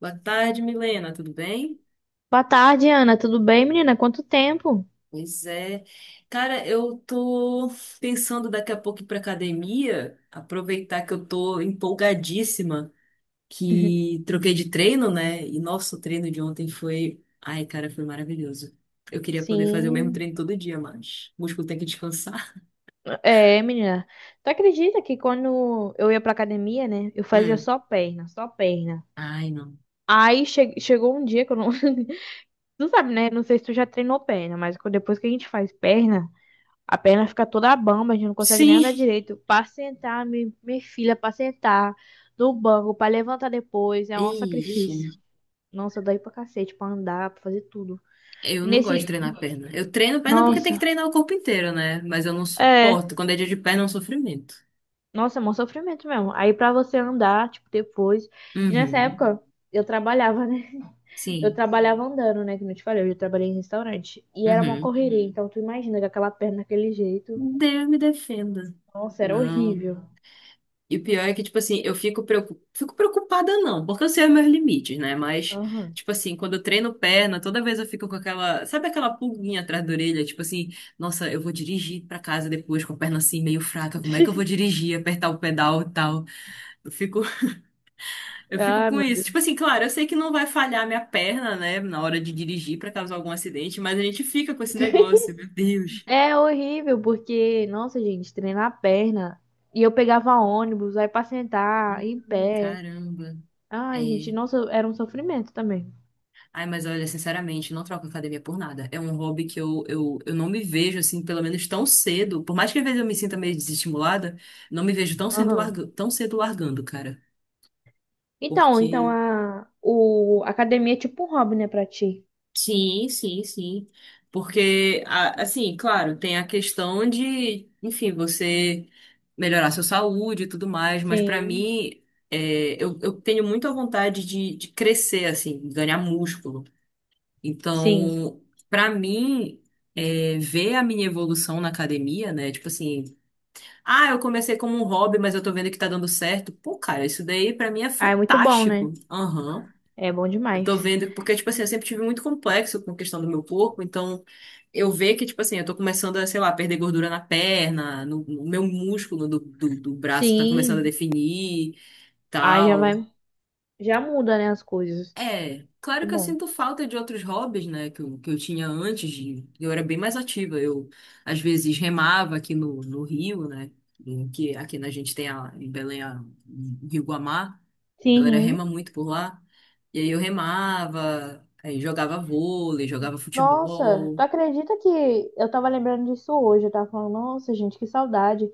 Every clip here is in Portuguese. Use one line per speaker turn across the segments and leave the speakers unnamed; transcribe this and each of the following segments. Boa tarde, Milena, tudo bem?
Boa tarde, Ana. Tudo bem, menina? Quanto tempo?
Pois é. Cara, eu tô pensando daqui a pouco ir pra academia, aproveitar que eu tô empolgadíssima, que troquei de treino, né? E nosso treino de ontem foi. Ai, cara, foi maravilhoso. Eu queria poder fazer o mesmo
Sim,
treino todo dia, mas o músculo tem que descansar.
é, menina. Tu acredita que quando eu ia pra academia, né? Eu fazia
Hum.
só perna, só perna.
Ai, não.
Aí chegou um dia que eu não. Tu sabe, né? Não sei se tu já treinou perna, mas depois que a gente faz perna, a perna fica toda bamba, a gente não consegue nem
Sim!
andar direito. Pra sentar, minha filha, pra sentar no banco, pra levantar depois, é um
Ixi,
sacrifício. Nossa, dói pra cacete, pra andar, pra fazer tudo.
eu
E
não gosto de
nesse.
treinar perna. Eu treino perna porque tem que
Nossa.
treinar o corpo inteiro, né? Mas eu não
É,
suporto. Quando é dia de perna, é um sofrimento.
nossa, é mó sofrimento mesmo. Aí pra você andar, tipo, depois. E nessa
Uhum.
época eu trabalhava, né? Eu
Sim.
trabalhava andando, né? Que não te falei, eu já trabalhei em restaurante. E era uma
Uhum.
correria. Uhum. Então tu imagina que aquela perna daquele jeito.
Deus me defenda.
Nossa, era
Não.
horrível.
E o pior é que, tipo assim, eu fico preocupada. Fico preocupada, não, porque eu sei os meus limites, né? Mas,
Aham.
tipo assim, quando eu treino perna, toda vez eu fico com aquela. Sabe aquela pulguinha atrás da orelha? Tipo assim, nossa, eu vou dirigir pra casa depois com a perna assim meio fraca. Como é que eu vou dirigir, apertar o pedal e tal? Eu fico, eu fico
Ah,
com
meu
isso. Tipo
Deus.
assim, claro, eu sei que não vai falhar minha perna, né? Na hora de dirigir pra causar algum acidente, mas a gente fica com esse negócio, meu Deus.
É horrível, porque, nossa, gente, treinar a perna. E eu pegava ônibus, aí pra sentar, em pé.
Caramba.
Ai, gente,
É.
nossa, era um sofrimento também.
Ai, mas olha, sinceramente, não troco academia por nada. É um hobby que eu não me vejo, assim, pelo menos tão cedo. Por mais que às vezes eu me sinta meio desestimulada, não me vejo tão cedo,
Aham.
tão cedo largando, cara.
Então
Porque.
a academia é tipo um hobby, né, pra ti?
Sim, sim, sim. Porque, assim, claro, tem a questão de, enfim, você melhorar sua saúde e tudo mais, mas pra
Sim,
mim, eu tenho muito a vontade de crescer, assim, ganhar músculo.
sim.
Então, para mim, ver a minha evolução na academia, né? Tipo assim, ah, eu comecei como um hobby, mas eu tô vendo que tá dando certo. Pô, cara, isso daí pra mim é
Ah, é muito bom, né?
fantástico. Aham.
É bom
Eu tô
demais.
vendo, porque, tipo assim, eu sempre tive muito complexo com a questão do meu corpo, então eu ver que, tipo assim, eu tô começando a, sei lá, perder gordura na perna, no meu músculo do braço tá começando a
Sim.
definir,
Ah, já
tal.
vai, já muda, né, as coisas.
É, claro
Muito
que eu
bom.
sinto falta de outros hobbies, né, que eu tinha antes de. Eu era bem mais ativa, eu às vezes remava aqui no Rio, né, em que aqui na gente tem a, em Belém a, o Rio Guamá, a galera
Sim.
rema muito por lá, e aí eu remava, aí jogava vôlei, jogava
Nossa, tu
futebol.
acredita que eu tava lembrando disso hoje? Eu tava falando, nossa, gente, que saudade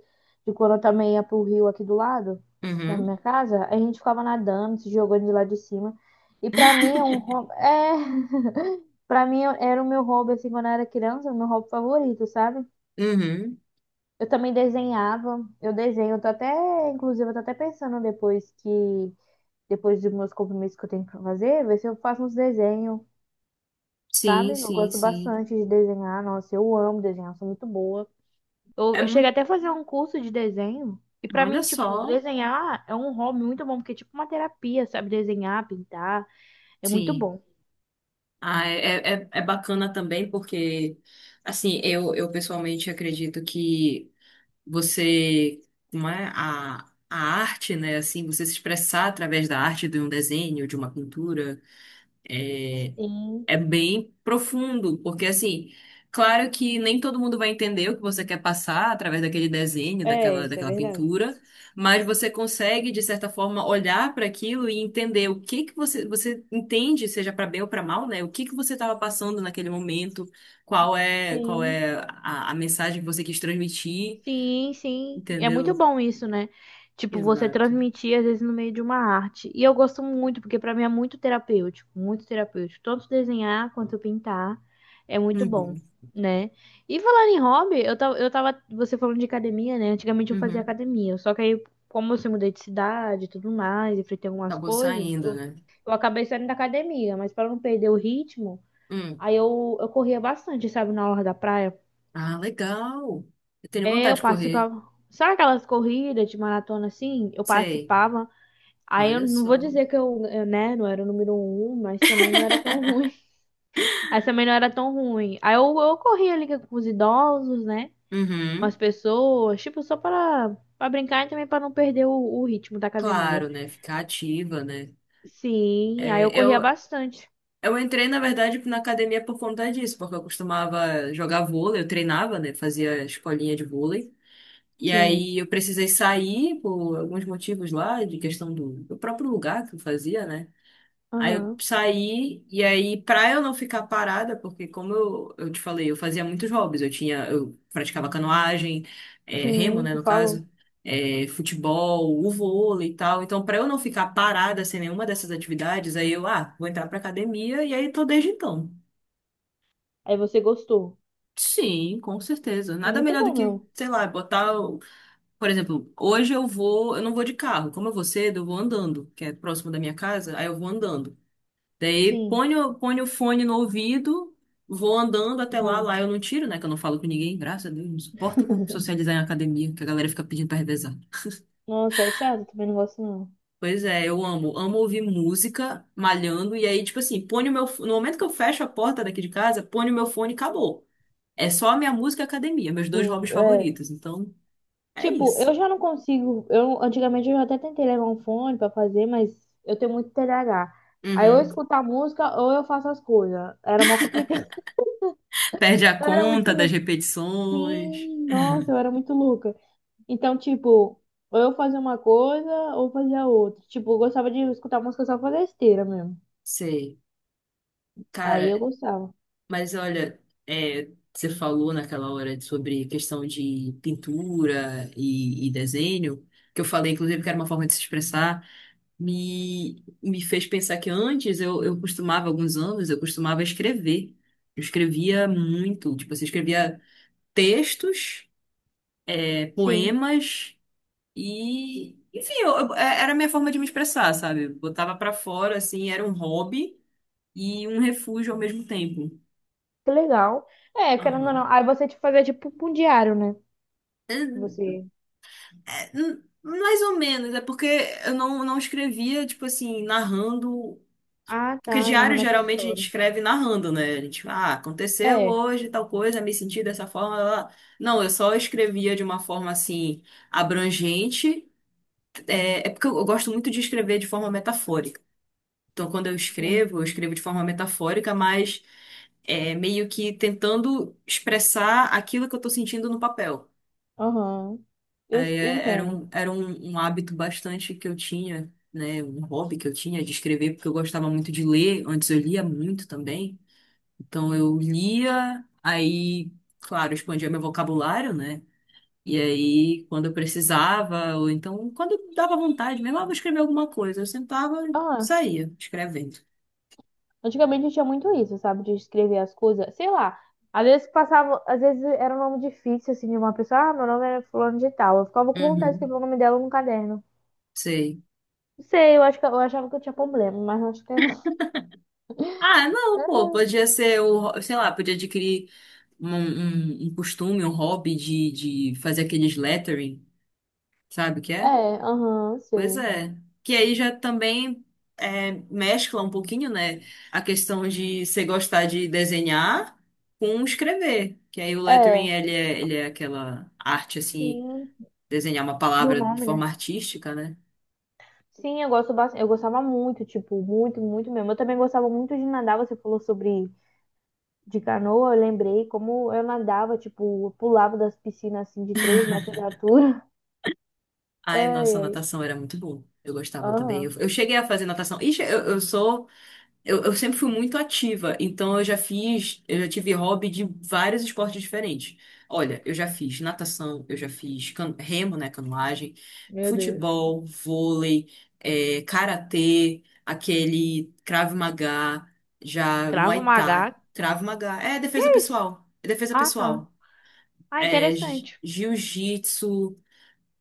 de quando eu também ia pro rio aqui do lado, na minha
Uhum,
casa. A gente ficava nadando, se jogando de lá de cima. E pra mim é um hobby. É, pra mim, era o meu hobby, assim, quando eu era criança, o meu hobby favorito, sabe?
uhum,
Eu também desenhava, eu desenho, eu tô até, inclusive, eu tô até pensando depois que, depois dos meus compromissos que eu tenho pra fazer, ver se eu faço uns desenhos,
sim,
sabe? Eu
sim,
gosto
sim.
bastante de desenhar, nossa, eu amo desenhar, sou muito boa. Eu,
É
eu cheguei
muito...
até a fazer um curso de desenho, e pra
Olha
mim, tipo,
só,
desenhar é um hobby muito bom, porque é tipo uma terapia, sabe? Desenhar, pintar, é muito
sim.
bom.
Ah, é bacana também porque, assim, eu pessoalmente acredito que você, como é, a arte, né, assim, você se expressar através da arte de um desenho, de uma pintura, é,
Sim,
é bem profundo, porque assim, claro que nem todo mundo vai entender o que você quer passar através daquele desenho,
é,
daquela,
isso é
daquela
verdade.
pintura, mas você consegue, de certa forma, olhar para aquilo e entender o que que você entende, seja para bem ou para mal, né? O que que você estava passando naquele momento, qual é, qual
Sim.
é a mensagem que você quis transmitir,
Sim, sim. É
entendeu?
muito bom isso, né? Tipo, você
Exato.
transmitir, às vezes, no meio de uma arte. E eu gosto muito, porque pra mim é muito terapêutico, muito terapêutico. Tanto desenhar quanto pintar é muito bom,
Uhum.
né? E falando em hobby, eu tava, você falando de academia, né? Antigamente eu fazia
Uhum.
academia, só que aí, como eu se mudei de cidade e tudo mais, enfrentei algumas
Acabou
coisas,
saindo,
eu,
né?
eu acabei saindo da academia, mas pra não perder o ritmo,
Hum.
aí eu corria bastante, sabe, na orla da praia.
Ah, legal. Eu tenho
É,
vontade
eu
de correr.
participava. Sabe aquelas corridas de maratona assim? Eu
Sei.
participava. Aí eu
Olha
não vou
só.
dizer que eu, né, não era o número um, mas também não era tão ruim. Aí também não era tão ruim. Aí eu corria ali com os idosos, né? Com as
Uhum.
pessoas, tipo, só para brincar e também para não perder o, ritmo da academia.
Claro, né? Ficar ativa, né?
Sim, aí
É,
eu corria
eu,
bastante.
eu entrei, na verdade, na academia por conta disso, porque eu costumava jogar vôlei, eu treinava, né? Fazia escolinha de vôlei. E
Sim.
aí eu precisei sair por alguns motivos lá, de questão do próprio lugar que eu fazia, né? Aí eu
Aham.
saí, e aí, pra eu não ficar parada, porque como eu te falei, eu fazia muitos hobbies, eu tinha, eu praticava canoagem, remo,
Sim,
né,
tu
no
falou.
caso, futebol, o vôlei e tal. Então, pra eu não ficar parada sem nenhuma dessas atividades, aí eu, ah, vou entrar pra academia, e aí tô desde então.
Aí você gostou.
Sim, com certeza.
É
Nada
muito
melhor do
bom,
que,
meu.
sei lá, botar. Por exemplo, hoje eu vou, eu não vou de carro. Como eu vou cedo, eu vou andando, que é próximo da minha casa, aí eu vou andando. Daí
Sim.
põe o fone no ouvido, vou andando até lá,
Tá.
lá eu não tiro, né? Que eu não falo com ninguém, graças a Deus, não suporto socializar em academia, que a galera fica pedindo pra revezar.
Nossa, é chato, também não gosto não.
Pois é, eu amo, amo ouvir música, malhando, e aí, tipo assim, põe o meu, fo- no momento que eu fecho a porta daqui de casa, põe o meu fone e acabou. É só a minha música e a academia, meus dois
Sim,
hobbies
é.
favoritos, então é
Tipo,
isso.
eu já não consigo. Eu, antigamente eu já até tentei levar um fone pra fazer, mas eu tenho muito TDAH. Aí ou eu
Uhum.
escuto a música ou eu faço as coisas. Era uma complicação.
Perde a
Eu era muito
conta das
louca.
repetições.
Sim, nossa, eu era muito louca. Então, tipo, ou eu fazia uma coisa ou fazia outra. Tipo, eu gostava de escutar música só pra besteira mesmo.
Sei.
Aí eu
Cara,
gostava.
mas olha, é, você falou naquela hora sobre questão de pintura e desenho, que eu falei, inclusive, que era uma forma de se expressar, me fez pensar que antes eu costumava, alguns anos, eu costumava escrever. Eu escrevia muito, tipo, você escrevia textos,
Sim,
poemas e, enfim, era a minha forma de me expressar, sabe? Eu botava pra fora, assim, era um hobby e um refúgio ao mesmo tempo.
que legal. É, querendo ou não.
Aham.
Aí você te fazia tipo um diário, né? Você.
Mais ou menos, é porque eu não escrevia, tipo assim, narrando.
Ah,
Porque
tá,
diário
narrando a tua
geralmente a gente
história.
escreve narrando, né? A gente, ah, aconteceu
É,
hoje tal coisa, me senti dessa forma. Blá, blá. Não, eu só escrevia de uma forma assim, abrangente. É, é porque eu gosto muito de escrever de forma metafórica. Então, quando
sim.
eu escrevo de forma metafórica, mas meio que tentando expressar aquilo que eu tô sentindo no papel.
Aham. Eu
Aí
s- eu
é- era
entendo.
um, era um, um hábito bastante que eu tinha, né? Um hobby que eu tinha de escrever, porque eu gostava muito de ler. Antes eu lia muito também. Então eu lia, aí, claro, expandia meu vocabulário, né? E aí, quando eu precisava, ou então, quando dava vontade mesmo, ah, vou escrever alguma coisa, eu sentava e
Ah,
saía escrevendo.
antigamente tinha muito isso, sabe? De escrever as coisas. Sei lá. Às vezes passava, às vezes era um nome difícil, assim, de uma pessoa. Ah, meu nome é fulano de tal. Eu ficava com vontade de
Uhum,
escrever o nome dela no caderno.
sei.
Não sei, eu acho que eu achava que eu tinha problema, mas não acho que não.
Ah, não, pô, podia ser o, sei lá, podia adquirir um costume, um hobby de, fazer aqueles lettering. Sabe o que é?
É, aham,
Pois
sei.
é. Que aí já também mescla um pouquinho, né? A questão de você gostar de desenhar com escrever. Que aí o lettering,
É,
ele é aquela arte, assim,
sim,
desenhar uma
do
palavra de
nome,
forma
né?
artística, né?
Sim, eu gosto bastante. Eu gostava muito, tipo, muito, muito mesmo. Eu também gostava muito de nadar, você falou sobre de canoa, eu lembrei como eu nadava, tipo, eu pulava das piscinas assim de 3 metros de altura.
Ai,
Ai,
nossa,
ai.
natação era muito bom. Eu gostava também. Eu,
Aham,
eu cheguei a fazer natação. Ixi, eu sempre fui muito ativa, então eu já fiz, eu já tive hobby de vários esportes diferentes. Olha, eu já fiz natação, eu já fiz remo, né, canoagem,
meu Deus.
futebol, vôlei, karatê, aquele Krav Maga, já
Cravo
Muay Thai,
Maga.
Krav Maga, é
Que
defesa
é isso?
pessoal, é defesa
Ah, tá.
pessoal,
Ah,
é
interessante.
jiu-jitsu,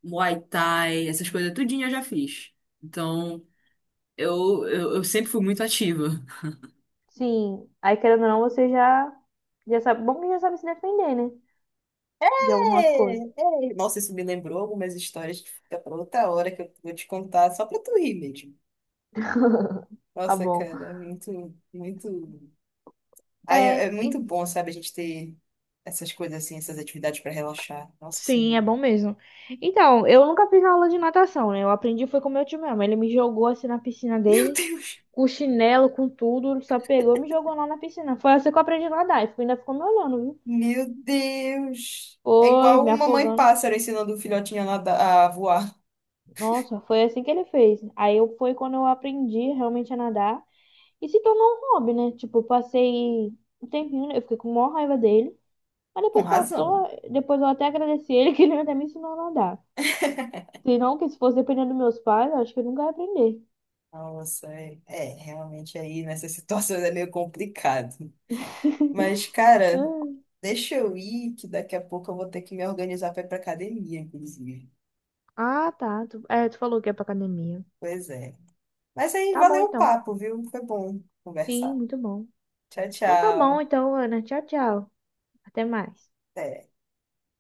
Muay Thai, essas coisas tudinho eu já fiz. Então, eu sempre fui muito ativa.
Sim, aí querendo ou não, você já, já sabe. Bom que já sabe se defender, né? De algumas
É,
coisas.
é. Nossa, isso me lembrou algumas histórias que fica pra outra hora que eu vou te contar, só pra tu rir mesmo.
Tá
Nossa,
bom.
cara, é muito, muito. Aí é,
É,
é muito bom, sabe, a gente ter essas coisas assim, essas atividades pra relaxar. Nossa
sim, é
Senhora.
bom mesmo. Então, eu nunca fiz aula de natação, né? Eu aprendi foi com meu tio mesmo. Ele me jogou assim na piscina
Meu
dele,
Deus!
com chinelo, com tudo, só pegou e me jogou lá na piscina. Foi assim que eu aprendi a nadar. E ainda ficou me olhando, viu?
Meu Deus! É
Foi,
igual
me
uma mãe
afogando.
pássaro ensinando o filhotinho a voar.
Nossa, foi assim que ele fez. Aí eu, foi quando eu aprendi realmente a nadar. E se tornou um hobby, né? Tipo, eu passei um tempinho, né? Eu fiquei com maior raiva dele. Mas
Com
depois
razão.
passou, depois eu até agradeci ele que ele até me ensinou a nadar. Se não, que se fosse dependendo dos meus pais, eu acho que eu nunca ia aprender.
Nossa, realmente aí nessas situações é meio complicado. Mas, cara.
Hum.
Deixa eu ir, que daqui a pouco eu vou ter que me organizar para ir para academia, inclusive.
Ah, tá. Tu falou que é pra academia.
Pois é. Mas aí,
Tá bom,
valeu o
então.
papo, viu? Foi bom
Sim,
conversar.
muito bom.
Tchau,
Então tá bom,
tchau.
então, Ana. Tchau, tchau. Até mais.
Até.